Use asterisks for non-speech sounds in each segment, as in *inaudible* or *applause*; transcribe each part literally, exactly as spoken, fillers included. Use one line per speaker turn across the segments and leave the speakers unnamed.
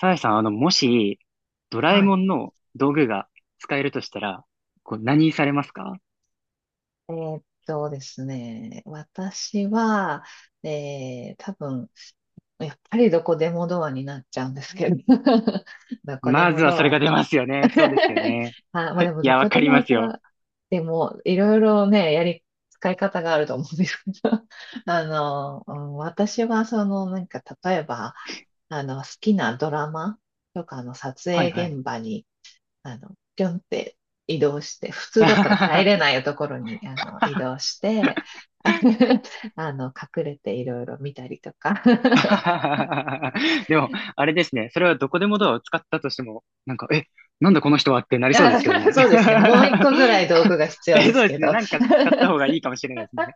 サザエさん、あの、もし、ドラえ
はい。
もんの道具が使えるとしたら、こう、何されますか？
えーっとですね、私は、えー、多分、やっぱりどこでもドアになっちゃうんですけど、*laughs* どこで
ま
も
ずはそ
ド
れが
ア。
出ますよね。そうですよね。
*laughs* あ、まあでも、
い
ど
や、わ
こ
か
で
り
も
ます
ド
よ。
ア、でも、いろいろね、やり、使い方があると思うんですけど、*laughs* あの、うん、私は、その、なんか、例えば、あの、好きなドラマとかの撮
はいは
影
い。
現場に、あの、ぴょんって移動して、普通だったら入れないところに、あの、移動して、
*laughs*
*laughs* あの、隠れていろいろ見たりとか。*laughs*
でも、あれですね。それはどこでもドアを使ったとしても、なんか、え、なんだこの人はってなりそうで
あ、
すけどね。
そうですね。もういっこぐらい道具が必
*laughs*
要
え、
で
そ
す
うで
け
すね。
ど。
なんか使った方がいいかもしれないですね。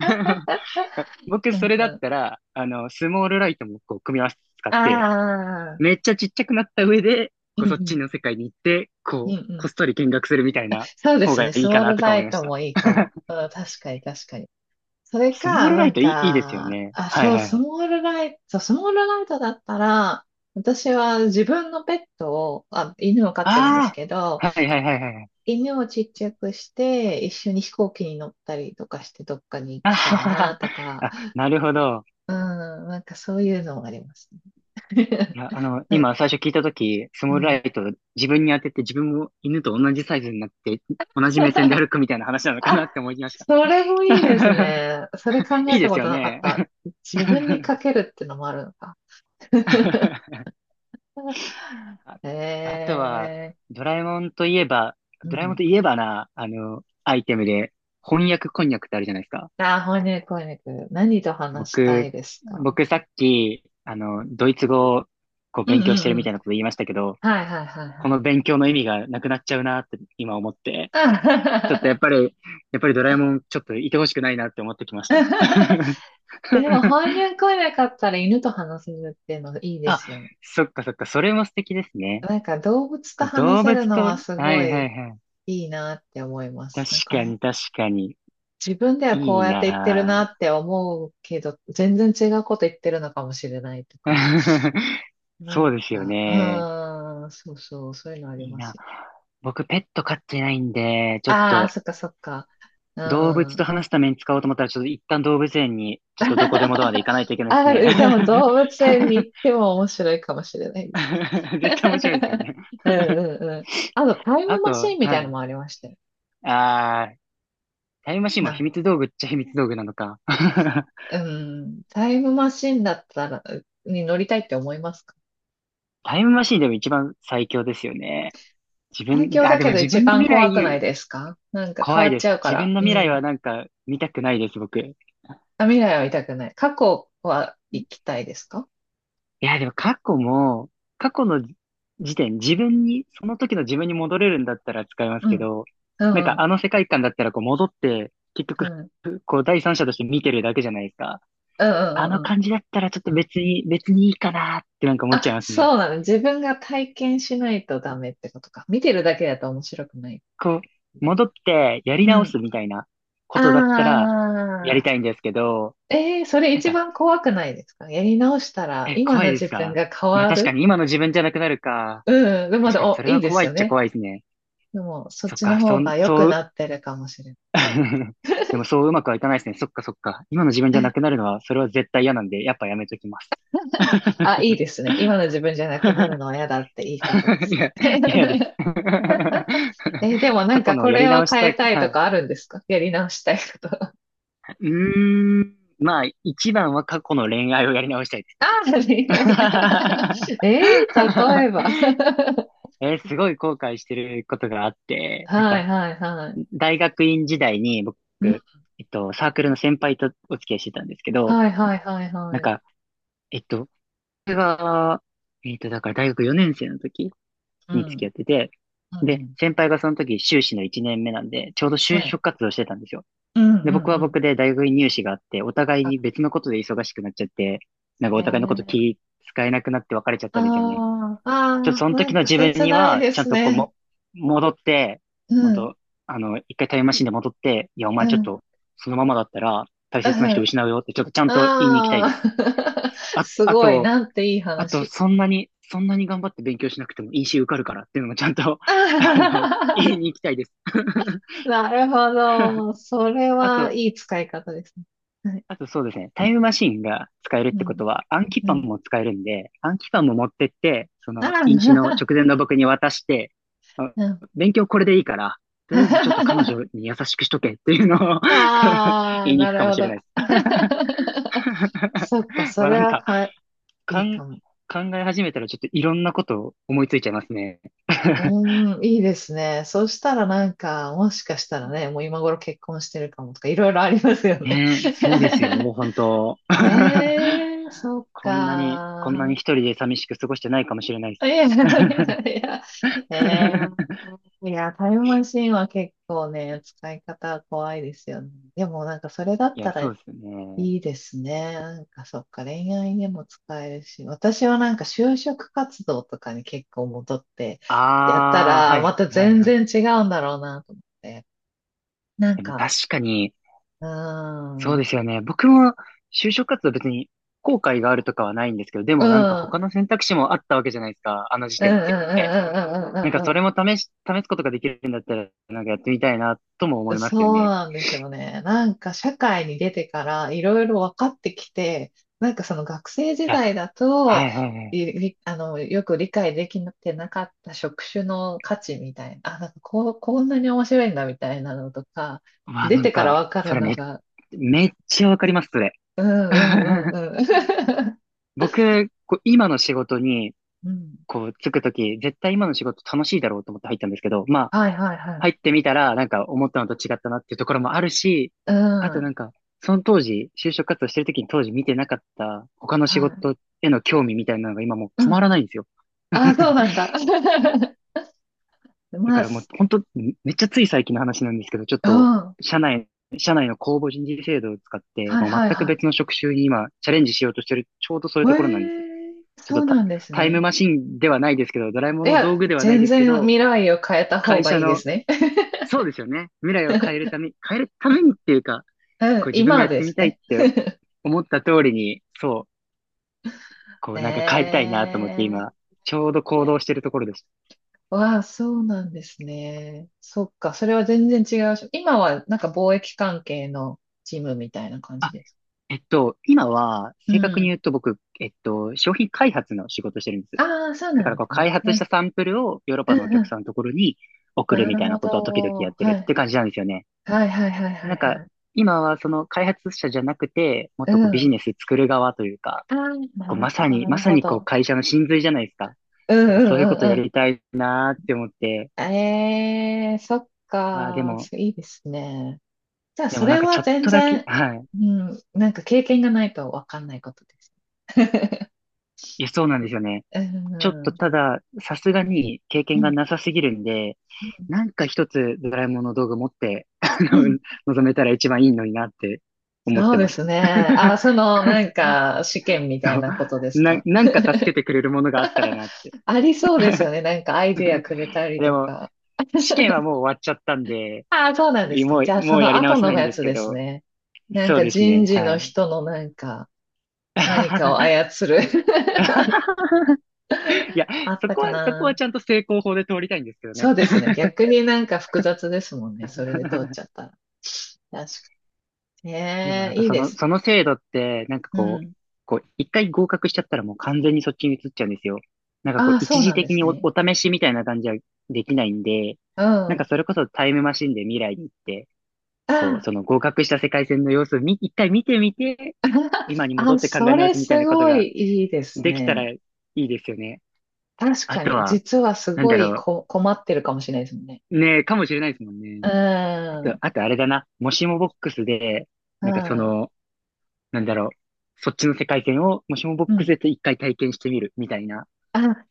*laughs* 僕、
うん
それだっ
うん、
たら、あの、スモールライトもこう、組み合わせて使って、
ああ、
めっちゃちっちゃくなった上で、
う
こ
ん
う
う
そっち
ん、
の世界に行って、
うんう
こう、
ん。
こっそり見学するみたいな
そうで
方
す
が
ね。
い
ス
い
モ
か
ー
な
ル
とか
ラ
思い
イ
まし
ト
た。
もいいかも。うん、確かに確かに。それ
スモー
か、
ルラ
な
イ
ん
トいい、いいですよ
か、
ね。
あ、
はい
そう、
はい
ス
はい。
モールライト、スモールライトだったら、私は自分のペットを、あ、犬を飼ってるんです
あ
けど、
あ、はいはいはいはいはい。
犬をちっちゃくして、一緒に飛行機に乗ったりとかして、どっかに行
あ
きた
は
い
は
な
は
とか、
あ、なるほど。
うん、なんかそういうのもありますね。
い
*laughs*
や、あの、
はい、
今最初聞いたとき、ス
う
モールラ
ん。
イト自分に当てて自分も犬と同じサイズになって、同じ目線で歩
*laughs*
くみたいな話なのかな
あ、
って思いました。
それもいいです
*laughs*
ね。それ考
い
え
いで
た
す
こ
よ
となかっ
ね。
た。自分に
*laughs*
かけるってのもあるのか。*laughs*
あ、あと
え
は、
え、
ドラえもんといえば、
う
ドラえもん
ん。
といえばな、あの、アイテムで、翻訳こんにゃくってあるじゃないですか。
あ、翻訳翻訳。何と話したい
僕、
ですか？
僕さっき、あの、ドイツ語をこう
うん
勉
う
強してる
んう
みた
ん。
いなこと言いましたけど、
はいはいはい
こ
は
の
い。
勉強の意味がなくなっちゃうなって今思って、ちょっとやっぱり、やっぱりドラえもんちょっといてほしくないなって思ってきました。
*laughs* でも翻
*laughs*
訳来なかったら犬と話せるっていうのがいいで
あ、
すよね。
そっかそっか、それも素敵ですね。
なんか動物と話
動
せ
物
るの
と、
はす
は
ご
いは
い
いはい。
いいなって思います。
確
なんか
か
もう
に確かに。
自分ではこ
い
う
い
やって言ってる
な
なっ
ぁ。
て思うけど、全然違うこと言ってるのかもしれないとか。
*laughs*
な
そう
ん
ですよ
か、
ね。
うーん、そうそう、そういうのあり
いい
ます
な。
よ。
僕、ペット飼ってないんで、ちょっ
ああ、
と、
そっかそっか。う
動
ー
物
ん。
と話すために使おうと思ったら、ちょっと一旦動物園に、ちょっとどこでもドアで行
*laughs*
かないといけないです
あ、
ね。
でも動物園に行っても面白いかもしれないですね。
*laughs* 絶対面白いですよね。
*laughs* うん
*laughs*
うんうん。あと、タイ
あ
ムマ
と、
シンみたい
は
なの
い。
もありましたよ。
あー、タイムマシンも秘
な、
密道具っちゃ秘密道具なのか。*laughs*
うん、タイムマシンだったら、に乗りたいって思いますか？
タイムマシンでも一番最強ですよね。自
最
分、
強
あ、
だ
でも
けど
自
一
分の
番
未
怖くない
来、
ですか？なんか変
怖
わ
い
っ
で
ち
す。
ゃうか
自
ら。
分の
う
未来
ん。
はなんか見たくないです、僕。
あ、未来は痛くない。過去は行きたいですか？
いや、でも過去も、過去の時点、自分に、その時の自分に戻れるんだったら使います
う
け
ん。
ど、
う
なん
んう
か
ん。
あの世界観だったらこう戻って、結
う
局、
ん。うん
こう第三者として見てるだけじゃないですか。
うんう
あの
んうん。
感じだったらちょっと別に、別にいいかなってなんか思っちゃい
あ、
ますね。
そうなの。自分が体験しないとダメってことか。見てるだけだと面白くない。
こう、戻ってやり
う
直
ん。
すみたいなことだったらやり
ああ、
たいんですけど、
えー、それ
なん
一
か、
番怖くないですか？やり直したら
え、
今
怖
の
いで
自
す
分
か？
が変
まあ
わ
確か
る。
に今の自分じゃなくなるか。
うん。でもま
確
だ、
かに
お、
それ
いい
は
で
怖
す
い
よ
っちゃ
ね。
怖いですね。
でも、そっ
そっ
ちの
か、そ
方
ん、
が良く
そう。
なってるかもしれない。
*laughs* でもそううまくはいかないですね。そっかそっか。今の自分
*laughs*
じゃな
え
くなるのは、それは絶対嫌なんで、やっぱやめときます。
あ、いいですね。今の自分じゃなくなるのは
*laughs*
嫌だっていいことで
い
すね。
や、嫌です。
*laughs* えでも
*laughs*
なん
過去
か
の
こ
やり
れを
直し
変
た
え
い。
たいと
は
かあるんですか？やり直したいこと。
い。うーん。まあ、一番は過去の恋愛をやり直したいです
あ
ね、
あ、
僕は。
恋愛。*laughs* えー、例
*laughs*
えば。*laughs*
えーすごい後悔してることがあって、なん
は
か、
いはいはい。
大学院時代に僕、
うん、
えっと、サークルの先輩とお付き合いしてたんですけど、
はいはいはい
な
は
ん
い。
か、えっと、が、えっと、だから大学よねん生の時
う
に付き
ん。
合ってて、
うんう
で、
ん。
先輩がその時修士のいちねんめなんで、ちょうど
は
就
い。
職活動してたんですよ。
うん
で、
う
僕
んう
は
ん。
僕で大学院入試があって、お互い
あ、
に別のことで忙しくなっちゃって、なんかお互いのこと
ね
気使えなくなって別れちゃったんですよね。
ああ、
ちょっと
ああ、
その
な
時
ん
の
か
自分
切
に
ない
は、
で
ちゃん
す
とこう
ね。
も、戻って、
う
本
ん、
当あの、一回タイムマシンで戻って、いや、お
う
前ち
ん、
ょ
*laughs*
っ
うん。
と、そのままだったら、大切
あ
な人失うよって、ちょっとちゃんと言いに行きたいで
あ、
す。
*laughs*
あ、
す
あ
ごい、
と、
なんていい
あと、
話。
そんなに、そんなに頑張って勉強しなくても イーシー 受かるからっていうのもちゃんと、*laughs* あの、言い
あ
に行きたいです。
ー *laughs* なるほ
*laughs*
ど。それ
あ
は
と、
いい使い方ですね。はい。
あとそうですね、タイムマシンが使えるっ
う
てこ
ん、
とは、暗記
う
パン
ん。
も使えるんで、暗記パンも持ってって、そ
あ
の、飲酒の
あ、
直前の僕に渡して、あ
*laughs*
勉強これでいいから、
*laughs*
とりあえずちょっと彼女
あ
に優しくしとけっていうのを *laughs*
あ、
言いに
な
行く
る
かも
ほ
しれな
ど。
いです。
*laughs* そっか、
*laughs*
そ
わ
れ
なん
は
か、
か、い
か
い
ん、
かも。
考え始めたらちょっといろんなことを思いついちゃいますね。
う
*laughs*
ーん、いいですね。そうしたらなんか、もしかしたらね、もう今頃結婚してるかもとか、いろいろありますよね。
ねえ、そうですよ、
*laughs*
本当。*laughs*
ええ、そっ
こんなに、こんな
か。
に一人で寂しく過ごしてないかもしれないです。
いやいやいや、え
*laughs*
えいや、タイムマシンは結構ね、使い方は怖いですよね。でもなんかそれだっ
いや、
たら、
そうですよね。
いいですね。なんかそっか、恋愛にも使えるし、私はなんか就職活動とかに結構戻ってやった
ああ、は
ら、ま
い、
た
はい、
全
はい。
然違うんだろうなと思って。なん
でも
か、
確かに、
うー
そ
ん、
う
うん、
ですよね。僕も就職活動別に後悔があるとかはないんですけど、で
う
もなんか
ん、う
他
ん、
の選択肢もあったわけじゃないですか、あの時
うん、
点
う
っ
ん、う
て。
ん、
なんか
う
そ
ん、う
れ
ん、
も試し、試すことができるんだったら、なんかやってみたいなとも思いますよ
そう
ね。
なんですよね。なんか社会に出てからいろいろ分かってきて、なんかその学生時
いや、
代だ
は
と、
い、はい、はい。
いりあの、よく理解できてなかった職種の価値みたいな、あ、なんかこう、こんなに面白いんだみたいなのとか、
まあ
出
なん
てか
か、
ら分か
そ
る
れ
の
め、
が、
めっちゃわかります、それ。
うんうんう
*laughs*
んうん。
僕、こう今の仕事に、
*laughs* うん。
こう、つくとき、絶対今の仕事楽しいだろうと思って入ったんですけど、まあ、
はいはいはい。
入ってみたら、なんか思ったのと違ったなっていうところもあるし、
う
あと
ん。
なんか、その当時、就職活動してるときに当時見てなかった他の仕
はい。
事への興味みたいなのが今もう
う
止ま
ん。
らないんですよ。
あ、そ
*laughs*
うなんだ。*laughs*
だ
ま
か
あ、
らもう
す
本当、めっちゃつい最近の話なんですけど、ちょっ
うん。
と、
は
社内、社内の公募人事制度を使って、
い
もう
はい
全く
は
別の職種に今、チャレンジしようとしてる、
い。
ちょうどそういう
え
ところなんです。
え、
ち
そ
ょっと
う
タ、
なんです
タイム
ね。
マシンではないですけど、ドラえも
い
んの道
や、
具ではない
全
ですけ
然
ど、
未来を変えた方
会
が
社
いいで
の、
すね。*laughs*
そうですよね。未来を変えるため、変えるためにっていうか、
う
こう
ん、
自分が
今
やっ
で
てみ
す
たいっ
ね。
て思った通りに、そう、こうなんか変えたいなと思って
ね
今、ちょうど行動して
え。
るところです。
わあ、そうなんですね。そっか、それは全然違うし。今はなんか貿易関係のチームみたいな感じ
あ
です。
えっと、今は、
う
正確に言
ん。
うと僕、えっと、商品開発の仕事をしてるんです。
ああ、そう
だ
な
か
ん
ら
で
こう、
すね。
開発
う
した
ん、
サンプルをヨーロッ
う
パのお
ん、う
客
ん。
さんのところに送る
な
み
る
たいな
ほ
ことは時々やっ
ど。
て
は
るっ
い。
て感じなんですよね。
はい、はい、はい、
で
はい、
なんか、
はい。
今はその開発者じゃなくて、もっ
う
とこうビジ
ん。
ネス作る側というか、
ああ、
こ
な
う
る
ま
ほ
さ
ど、
に、
な
ま
る
さ
ほ
にこう
ど。
会社の真髄じゃないですか。
うん、
なんか
う
そういうこ
ん、う
とや
ん、う
りたいなーって思って、
ん。ええ、そっ
まあで
か、
も、
いいですね。じゃあ、
で
そ
もなん
れ
かち
は
ょっ
全
とだけ、
然、
はい。
うん、なんか経験がないとわかんないことです。*laughs*
いや、そうなんですよね。
うん、
ちょっと
う
ただ、さすがに経験が
ん、
なさすぎるんで、
うん、
なんか一つドラえもんの道具持って、*laughs* あ
う
の、
ん。
臨めたら一番いいのになって思っ
そ
て
うで
ます。
すね。あ、
*laughs*
その、なんか、試験みたい
そう
なことです
な、
か？
なんか助けてくれるものがあったらなって。
ありそうですよね。なんかアイディアくれたり
で
と
も、
か。
試験はもう終わっちゃったんで、
ああ、そうなんですか。
も
じゃ
う、
あ、
も
そ
うや
の
り直
後
せな
の
いん
や
です
つ
け
です
ど、
ね。なん
そう
か
です
人
ね、
事
は
の
い。
人のなんか、何かを
*laughs*
操る
いや、
*laughs* あっ
そ
た
こ
か
は、そこは
な。
ちゃんと成功法で通りたいんですけど
そ
ね。
うですね。逆になんか複雑ですもんね。それで通っちゃ
*laughs*
ったら。確
でも
ね
なん
え、
か
いい
そ
で
の、
す。
その制度って、なんか
う
こう、
ん。
こう、一回合格しちゃったらもう完全にそっちに移っちゃうんですよ。なんかこ
あ
う、
あ、そ
一
う
時
なんで
的
す
にお、
ね。
お試しみたいな感じはできないんで、
うん。
なんか
あ
それこそタイムマシンで未来に行って、こう、
あ、
その合格した世界線の様子をみ、一回見てみて、
*laughs*
今に戻
あ、
って考え
そ
直
れ
すみたいな
す
こと
ご
が
いいいです
できたら
ね。
いいですよね。
確
あ
か
と
に、
は、
実はす
なん
ご
だ
い
ろ
こ困ってるかもしれないですもんね。
う。ねえ、かもしれないですもんね。
う
あと、
ん。
あとあれだな。もしもボックスで、なんかそ
はい。
の、なんだろう、そっちの世界線を、もしもボッ
う
クス
ん。
で一回体験してみる、みたいな。
あ、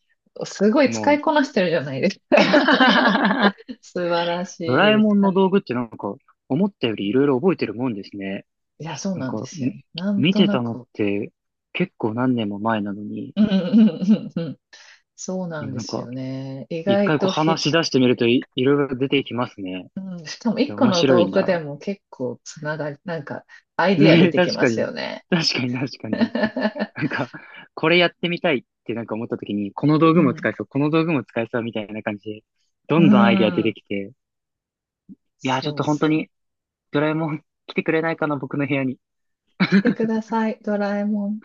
すごい
も
使
う、
いこなしてるじゃないですか。*laughs*
*laughs*
素晴ら
ドラえ
しい。
もんの
あ
道具ってなんか、思ったよりいろいろ覚えてるもんですね。
いや、そう
なん
なんで
か、
すよ。
み
なん
見
と
て
な
たのっ
く。
て結構何年も前なのに、
うんうんうんうんうん。そうな
いや、
んで
なん
す
か、
よね。意
一
外
回こう
とひ
話し出してみるとい、いろいろ出てきますね。
うん、しかも
い
一
や、
個
面
の
白
道
い
具で
な。
も結構つながり、なんかアイディア
ね
出
え、
てき
確
ま
か
す
に。
よね。
確かに確かに。
*laughs*
*laughs* なんか、これやってみたいってなんか思った時に、この道
う
具も使
ん。
えそう、この道具も使えそうみたいな感じで、
*laughs*
ど
う
んどんアイデア出て
ん。
きて、いやー、ちょっ
そう
と本当
そう。
にドラえもん来てくれないかな、僕の部屋に。
来てください、ドラえもん。